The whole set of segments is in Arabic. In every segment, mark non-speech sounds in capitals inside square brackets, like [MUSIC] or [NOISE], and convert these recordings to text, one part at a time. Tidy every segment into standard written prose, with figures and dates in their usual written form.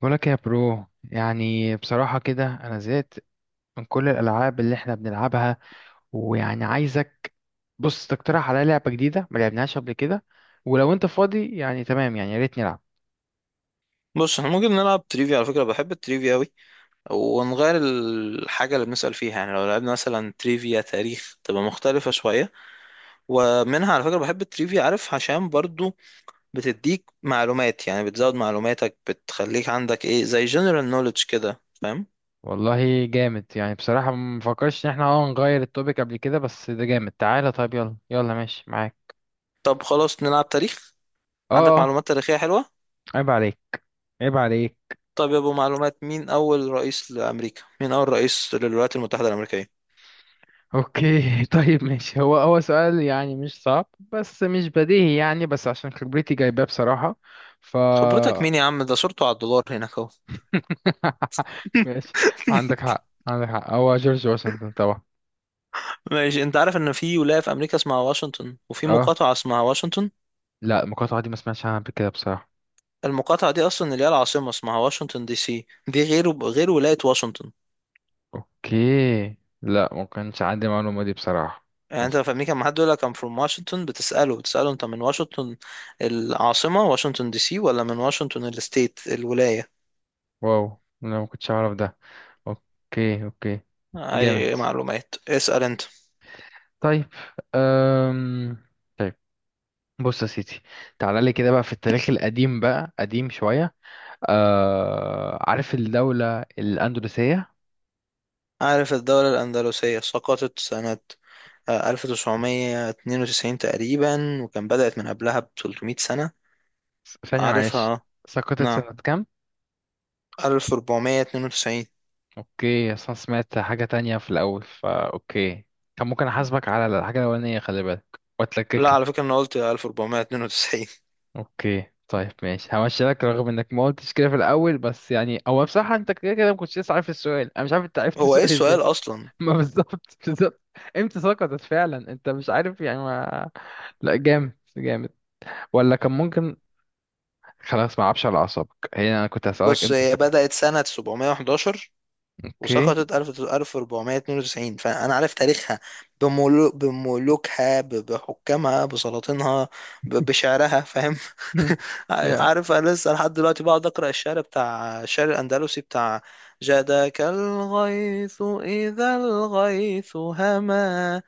بقولك يا برو، يعني بصراحة كده أنا زهقت من كل الألعاب اللي إحنا بنلعبها. ويعني عايزك، بص، تقترح عليا لعبة جديدة ما لعبناهاش قبل كده. ولو أنت فاضي يعني تمام، يعني يا ريت نلعب. بص، احنا ممكن نلعب تريفيا. على فكرة بحب التريفيا أوي، ونغير الحاجة اللي بنسأل فيها. يعني لو لعبنا مثلا تريفيا تاريخ تبقى مختلفة شوية. ومنها على فكرة بحب التريفيا، عارف، عشان برضو بتديك معلومات. يعني بتزود معلوماتك، بتخليك عندك ايه زي جنرال نوليدج كده، فاهم؟ والله جامد. يعني بصراحة ما مفكرش إن إحنا نغير التوبيك قبل كده، بس ده جامد. تعالى طيب، يلا يلا، ماشي معاك. طب خلاص نلعب تاريخ. عندك أه، أه. معلومات تاريخية حلوة؟ عيب عليك، عيب عليك. طب يا ابو معلومات، مين أول رئيس لأمريكا؟ مين أول رئيس للولايات المتحدة الأمريكية؟ أوكي. [LAUGHS] طيب ماشي. هو سؤال يعني مش صعب بس مش بديهي، يعني بس عشان خبرتي جايباه بصراحة. خبرتك فا... مين يا عم؟ ده صورته على الدولار هناك اهو. [LAUGHS] ماشي. [LAUGHS] عندك حق، عندك حق. هو جورج واشنطن طبعا. ماشي. انت عارف ان في ولاية في امريكا اسمها واشنطن، وفي اه. مقاطعة اسمها واشنطن. لا، المقاطعة دي ما سمعتش عنها قبل كده بصراحة. المقاطعة دي اصلا اللي هي العاصمة اسمها واشنطن دي سي، دي غير ولاية واشنطن. اوكي. لا، ما كانش عندي المعلومة دي بصراحة، ما يعني انت كانش. في امريكا لما حد يقول لك I'm from واشنطن بتسأله انت من واشنطن العاصمة واشنطن دي سي، ولا من واشنطن الستيت الولاية. واو، لا ما كنتش اعرف ده. اوكي، اوكي. اي جامد. معلومات اسأل انت. طيب. أم... طيب. بص يا سيدي، تعالى لي كده بقى في التاريخ القديم بقى، قديم شوية. عارف الدولة الأندلسية؟ عارف الدولة الاندلسية سقطت سنة 1992 تقريبا، وكان بدأت من قبلها ب 300 سنة. ثانية معلش. عارفها؟ سقطت نعم. سنة كام؟ 1492. اوكي، اصلا سمعت حاجة تانية في الاول، فا اوكي. كان ممكن احاسبك على الحاجة الاولانية، خلي بالك لا واتلكك لك. على فكرة أنا قلت 1492. اوكي طيب ماشي، همشي لك رغم انك ما قلتش كده في الاول. بس يعني هو بصراحة انت كده كده ما كنتش لسه عارف السؤال، انا مش عارف انت [LAUGHS] عرفت هو إيه السؤال ازاي. السؤال أصلا؟ [LAUGHS] ما بالظبط، بالظبط. امتى سقطت فعلا، انت مش عارف يعني. ما... لا جامد، جامد. ولا كان ممكن. خلاص ما اعرفش، على اعصابك. هي انا كنت هسألك بص امتى هي سقطت. بدأت سنة 711 اوكي. وسقطت 1000 1492، فأنا عارف تاريخها بملوكها، بحكامها، بسلاطينها، بشعرها، فاهم؟ [LAUGHS] [LAUGHS] يا... عارف، أنا لسه لحد دلوقتي بقعد أقرأ الشعر الأندلسي بتاع جادك الغيث إذا الغيث هما،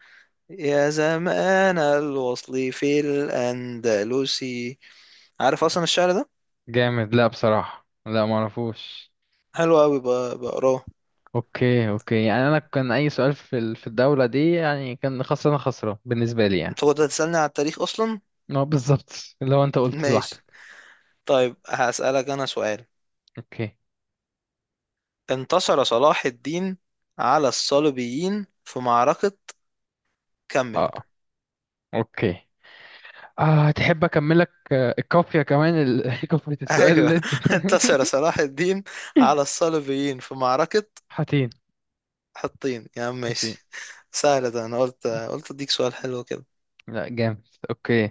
يا زمان الوصل في الأندلس. عارف اصلا الشعر ده؟ جامد. لا بصراحة لا، ما اعرفوش. حلو قوي بقراه. اوكي، اوكي. يعني انا كان اي سؤال في الدولة دي يعني كان خسران، خسران بالنسبة لي يعني. انت كنت هتسألني على التاريخ اصلا. اه بالظبط. اللي هو انت [LAUGHS] قلت لوحدك. ماشي، طيب هسألك انا سؤال. اوكي. انتصر صلاح الدين على الصليبيين في معركة، كمل. اه، اوكي. تحب اكملك؟ الكافية كمان، [LAUGHS] كافية [LAUGHS] السؤال ايوه، اللي انت... انتصر صلاح الدين على [LAUGHS] الصليبيين في معركة حاتين. حطين يا عم. حاتين. ماشي، سهل ده. انا قلت اديك سؤال حلو كده. لا جامد. اوكي.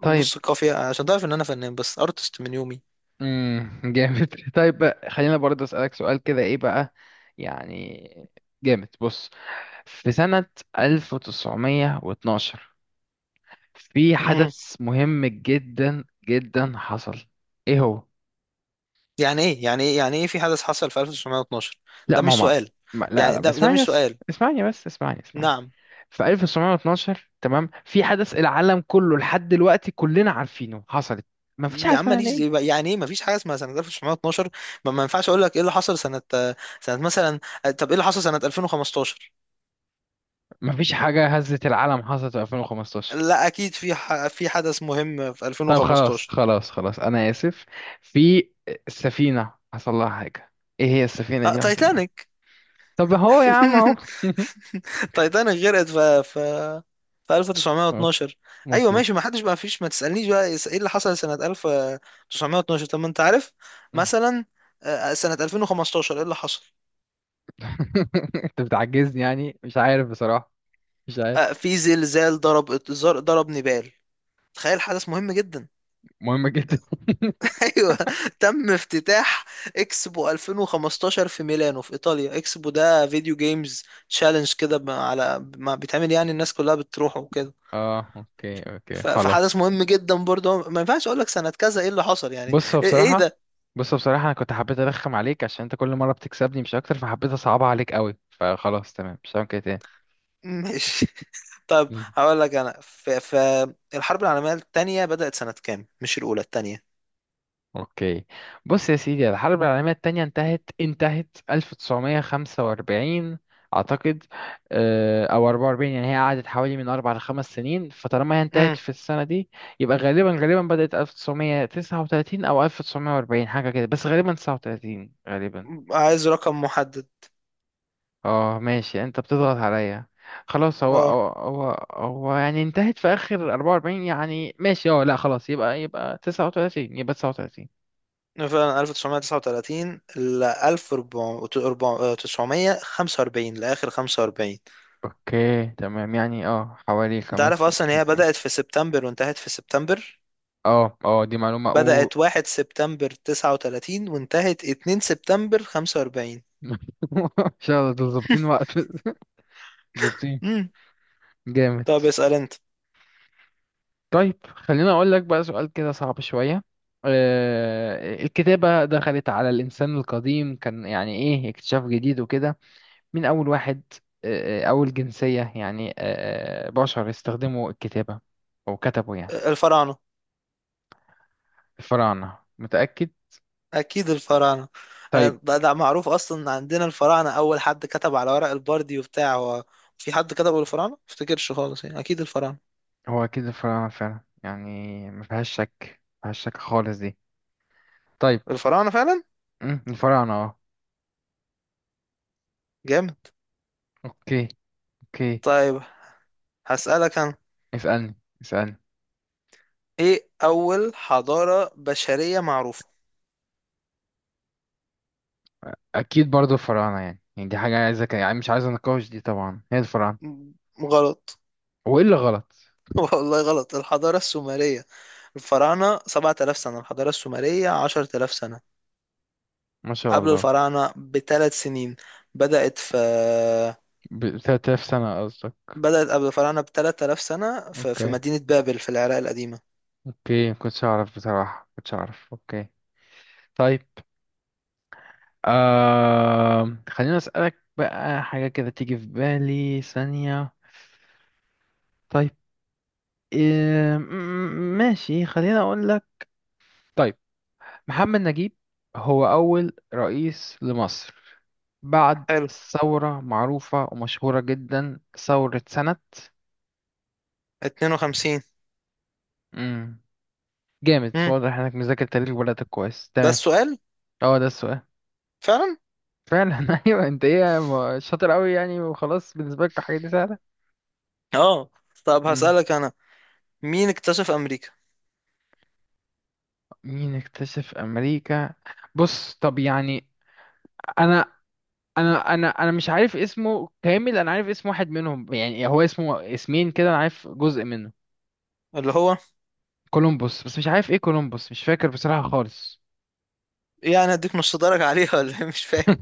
طيب. بص قافية، عشان تعرف ان انا فنان، بس ارتست من يومي. جامد. [LAUGHS] طيب بقى، خلينا برضه اسألك سؤال كده، ايه بقى؟ يعني جامد. بص، في سنة 1912 في مم. حدث مهم جدا جدا حصل. ايه هو؟ يعني ايه يعني ايه يعني ايه، في حدث حصل في 1912؟ لا ده ما هو مش سؤال. ما... لا يعني لا ما، ده اسمعني مش بس، سؤال. اسمعني بس، اسمعني، اسمعني. نعم. في 1912 تمام، في حدث العالم كله لحد دلوقتي كلنا عارفينه حصلت. ما فيش حاجه يا عم اسمها ماليش يعني ايه؟ يعني ايه مفيش حاجه اسمها سنه 1912. ما ينفعش اقول لك ايه اللي حصل سنه، سنه مثلا. طب ايه اللي حصل سنه 2015؟ ما فيش حاجه هزت العالم حصلت في 2015. لا اكيد في في حدث مهم في طيب خلاص 2015. خلاص خلاص، انا اسف. في... سفينه حصل لها حاجه. ايه هي السفينه دي حصل لها إيه؟ تايتانيك. طب هو يا عم اهو. [LAUGHS] تايتانيك غرقت في 1912. ايوه ماشي، ما مظبوط. حدش بقى، فيش ما تسالنيش بقى ايه اللي حصل سنه 1912. طب ما انت عارف مثلا، سنه 2015 ايه اللي حصل؟ [LAUGHS] انت بتعجزني، يعني مش عارف بصراحة. مش عارف. في زلزال ضرب نيبال. تخيل، حدث مهم جدا. مهمة جدا. [LAUGHS] [LAUGHS] ايوه. تم افتتاح اكسبو 2015 في ميلانو في ايطاليا. اكسبو ده فيديو جيمز تشالنج كده، على ما بيتعمل، يعني الناس كلها بتروح وكده. اه، اوكي اوكي، خلاص. فحدث مهم جدا برضه، ما ينفعش اقول لك سنة كذا ايه اللي حصل يعني. بص هو إيه بصراحة... ده؟ انا كنت حبيت ارخم عليك عشان انت كل مرة بتكسبني مش اكتر، فحبيت اصعبها عليك قوي. فخلاص تمام، مش هعمل كده ماشي. [LAUGHS] طب تاني. هقول لك انا، فالحرب العالمية التانية بدأت سنة كام؟ مش الاولى، التانية. اوكي. بص يا سيدي، الحرب العالمية التانية انتهت 1945 اعتقد. او 44. يعني هي قعدت حوالي من اربع لخمس سنين، فطالما هي انتهت امم في السنة دي يبقى غالبا غالبا بدأت 1939 او 1940، حاجة كده. بس غالبا 39، غالبا. عايز رقم محدد. اه ماشي، انت بتضغط عليا. خلاص. هو اه، هو هو هو يعني انتهت في اخر 44، يعني ماشي. اه لا خلاص، يبقى 39، يبقى 39. فعلا 1939 ل 1945 لآخر 45. اوكي تمام. يعني اه حوالي انت عارف خمس اصلا هي سنين. بدأت في سبتمبر وانتهت في سبتمبر. اه اه، دي معلومة او... بدأت 1 سبتمبر 39 وانتهت 2 سبتمبر 45. [LAUGHS] ان شاء الله دول ظابطين وقت. [LAUGHS] ظابطين. امم جامد. طب اسأل انت. طيب خليني اقول لك بقى سؤال كده صعب شوية. الكتابة دخلت على الانسان القديم، كان يعني ايه اكتشاف جديد وكده. مين اول واحد، اول جنسية يعني، بشر استخدموا الكتابة، او كتبوا يعني؟ الفراعنة. الفراعنة؟ متأكد؟ اكيد الفراعنة. طيب. ده معروف اصلا عندنا. الفراعنة اول حد كتب على ورق البردي وبتاع. هو في حد كتبه الفراعنة؟ ما افتكرش خالص يعني، اكيد الفراعنة. هو أكيد الفراعنة فعلا، يعني ما فيهاش شك. ما فيهاش شك خالص دي. طيب. الفراعنة فعلا. الفراعنة اه. جامد. اوكي، اوكي. طيب هسألك انا، اسألني، اسألني. ايه اول حضارة بشرية معروفة؟ أكيد برضو الفراعنة، يعني دي حاجة عايزة يعني مش عايز أناقش دي، طبعا هي الفراعنة. م- غلط. وإيه اللي غلط؟ [LAUGHS] والله غلط. الحضارة السومرية. الفراعنة 7000 سنة، الحضارة السومرية 10000 سنة. ما شاء قبل الله. الفراعنة بثلاث سنين. بدأت في، ب 3000 سنة قصدك. بدأت قبل الفراعنة ب 3000 سنة في اوكي، مدينة بابل في العراق القديمة. اوكي ما كنتش أعرف بصراحة، ما كنتش أعرف. اوكي. طيب. خليني أسألك بقى حاجة كده تيجي في بالي ثانية. طيب. إيه... ماشي، خليني أقول. طيب. محمد نجيب هو أول رئيس لمصر بعد حلو. ثورة معروفة ومشهورة جدا، ثورة سنة... 52. مم. جامد، مم. واضح انك مذاكر تاريخ بلدك كويس. ده تمام. السؤال؟ اه ده السؤال. فعلا. فعلا. [LAUGHS] ايوه. انت ايه، شاطر قوي يعني، وخلاص بالنسبة لك الحاجات دي سهلة. اه، طب مم. هسألك انا، مين اكتشف امريكا؟ مين اكتشف امريكا؟ بص طب يعني، انا انا مش عارف اسمه كامل. انا عارف اسم واحد منهم يعني، هو اسمه اسمين كده، انا عارف جزء منه. اللي هو، كولومبوس، بس مش عارف ايه كولومبوس، مش فاكر بصراحة خالص. يعني اديك نص درجة عليها ولا إيه؟ مش فاهم.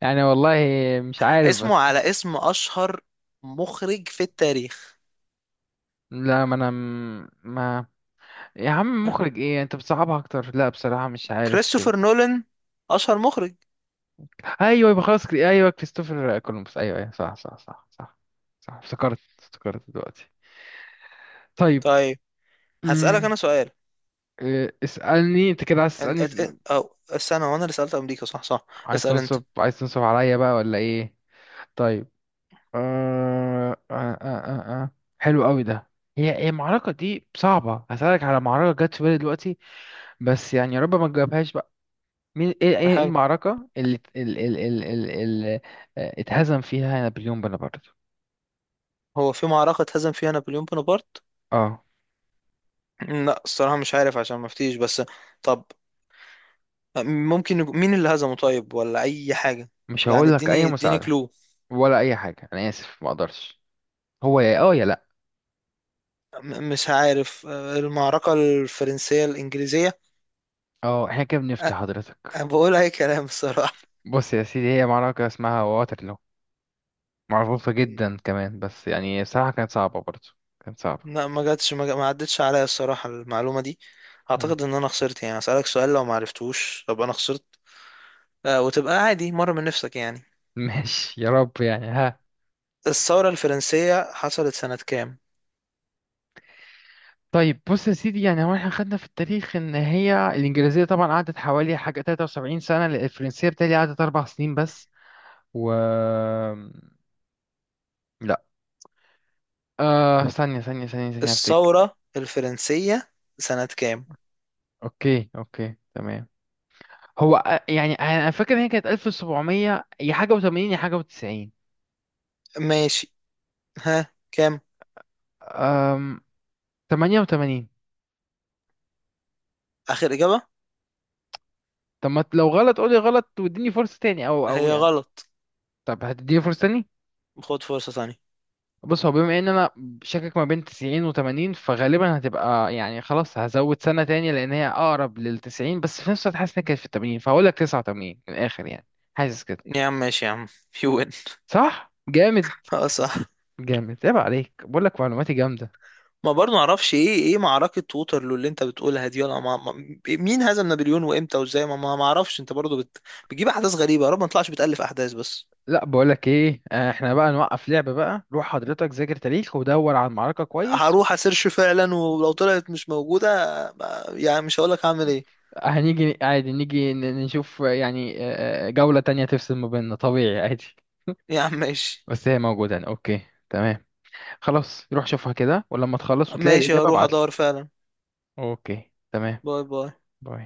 يعني والله مش عارف اسمه بس. على اسم اشهر مخرج في التاريخ. لا ما انا ما... يا عم ها؟ مخرج ايه؟ انت بتصعبها اكتر. لا بصراحة مش عارف كده. كريستوفر نولان اشهر مخرج. ايوه، يبقى خلاص كده. ايوه كريستوفر كولومبوس، ايوه، ايوه، صح، صح، صح، صح. صح، افتكرت دلوقتي. طيب. طيب هسألك انا امم سؤال. إيه، اسألني انت كده، عايز تسألني؟ او استنى، وانا اللي سألت امريكا، صح، صح. عايز اسأل انت. تنصب عايز تنصب عليا بقى ولا ايه؟ طيب. آه آه آه آه. آه. حلو قوي ده. هي المعركة دي صعبة. هسألك على معركة جت في بالي دلوقتي، بس يعني يا رب ما تجاوبهاش بقى. مين، ايه حلو. المعركة اللي ات- ال ال ال ال ال اتهزم فيها نابليون بونابرت؟ هو في معركة اتهزم فيها نابليون بونابرت؟ اه. لا الصراحة مش عارف، عشان ما افتيش بس. طب ممكن مين اللي هزمه طيب، ولا اي حاجة؟ مش يعني هقول لك اي اديني مساعدة، كلو. ولا اي حاجة. انا اسف ما اقدرش. هو يا، يا، لا. مش عارف، المعركة الفرنسية الانجليزية. اه، احنا كده أ- بنفتي حضرتك. أنا بقول أي كلام الصراحة. بص يا سيدي، هي معركة اسمها واترلو، معروفة جدا كمان، بس يعني بصراحة كانت صعبة برضه. كانت صعبة. لا ما جاتش، ما عدتش عليا الصراحة المعلومة دي. اعتقد ان انا خسرت، يعني اسألك سؤال لو ما عرفتوش ابقى انا خسرت. آه وتبقى عادي مرة من نفسك يعني. ماشي، يا رب يعني، ها. الثورة الفرنسية حصلت سنة كام؟ طيب بص يا سيدي، يعني هو احنا خدنا في التاريخ ان هي الانجليزيه طبعا قعدت حوالي حاجه 73 سنه، الفرنسيه بتاعي قعدت اربع سنين بس. و... لا، ثانيه، ثانيه، ثانيه، ثانيه، افتكر. الثورة الفرنسية سنة كام؟ اوكي اوكي، تمام. هو، يعني انا فاكر ان هي كانت 1700 يا حاجه و80، يا حاجه و90. ماشي. ها كام؟ 88. اخر اجابة. طب ما لو غلط قولي غلط واديني فرصه تاني، او هي يعني. غلط. طب هتديني فرصه؟ خد فرصة تانية. بص هو، بما ان انا شاكك ما بين 90 و80 فغالبا هتبقى يعني خلاص، هزود سنة تاني، لان هي اقرب لل 90، بس في نفس الوقت حاسس انها كانت في ال 80، فهقول لك 89 من الاخر يعني. حاسس كده. يا عم ماشي يا عم. UN. صح. جامد، [LAUGHS] اه صح. جامد، عيب عليك، بقول لك معلوماتي جامدة. ما برضه معرفش، ايه معركة ووترلو اللي انت بتقولها دي؟ ولا مين هزم نابليون وامتى وازاي؟ ما معرفش. انت برضه بتجيب احداث غريبة، يا رب ما تطلعش بتألف احداث بس. لا بقول لك ايه، احنا بقى نوقف لعبة بقى. روح حضرتك ذاكر تاريخ، ودور على المعركة كويس هروح اسيرش فعلا، ولو طلعت مش موجودة يعني مش هقولك هعمل ايه. هنيجي عادي، نيجي نشوف يعني، جولة تانية تفصل ما بيننا، طبيعي عادي. يا عم ماشي. بس هي موجودة يعني. اوكي. تمام. خلاص روح شوفها كده، ولما تخلص وتلاقي ماشي الإجابة هروح ابعتلي. ادور فعلا. اوكي تمام. باي باي. باي.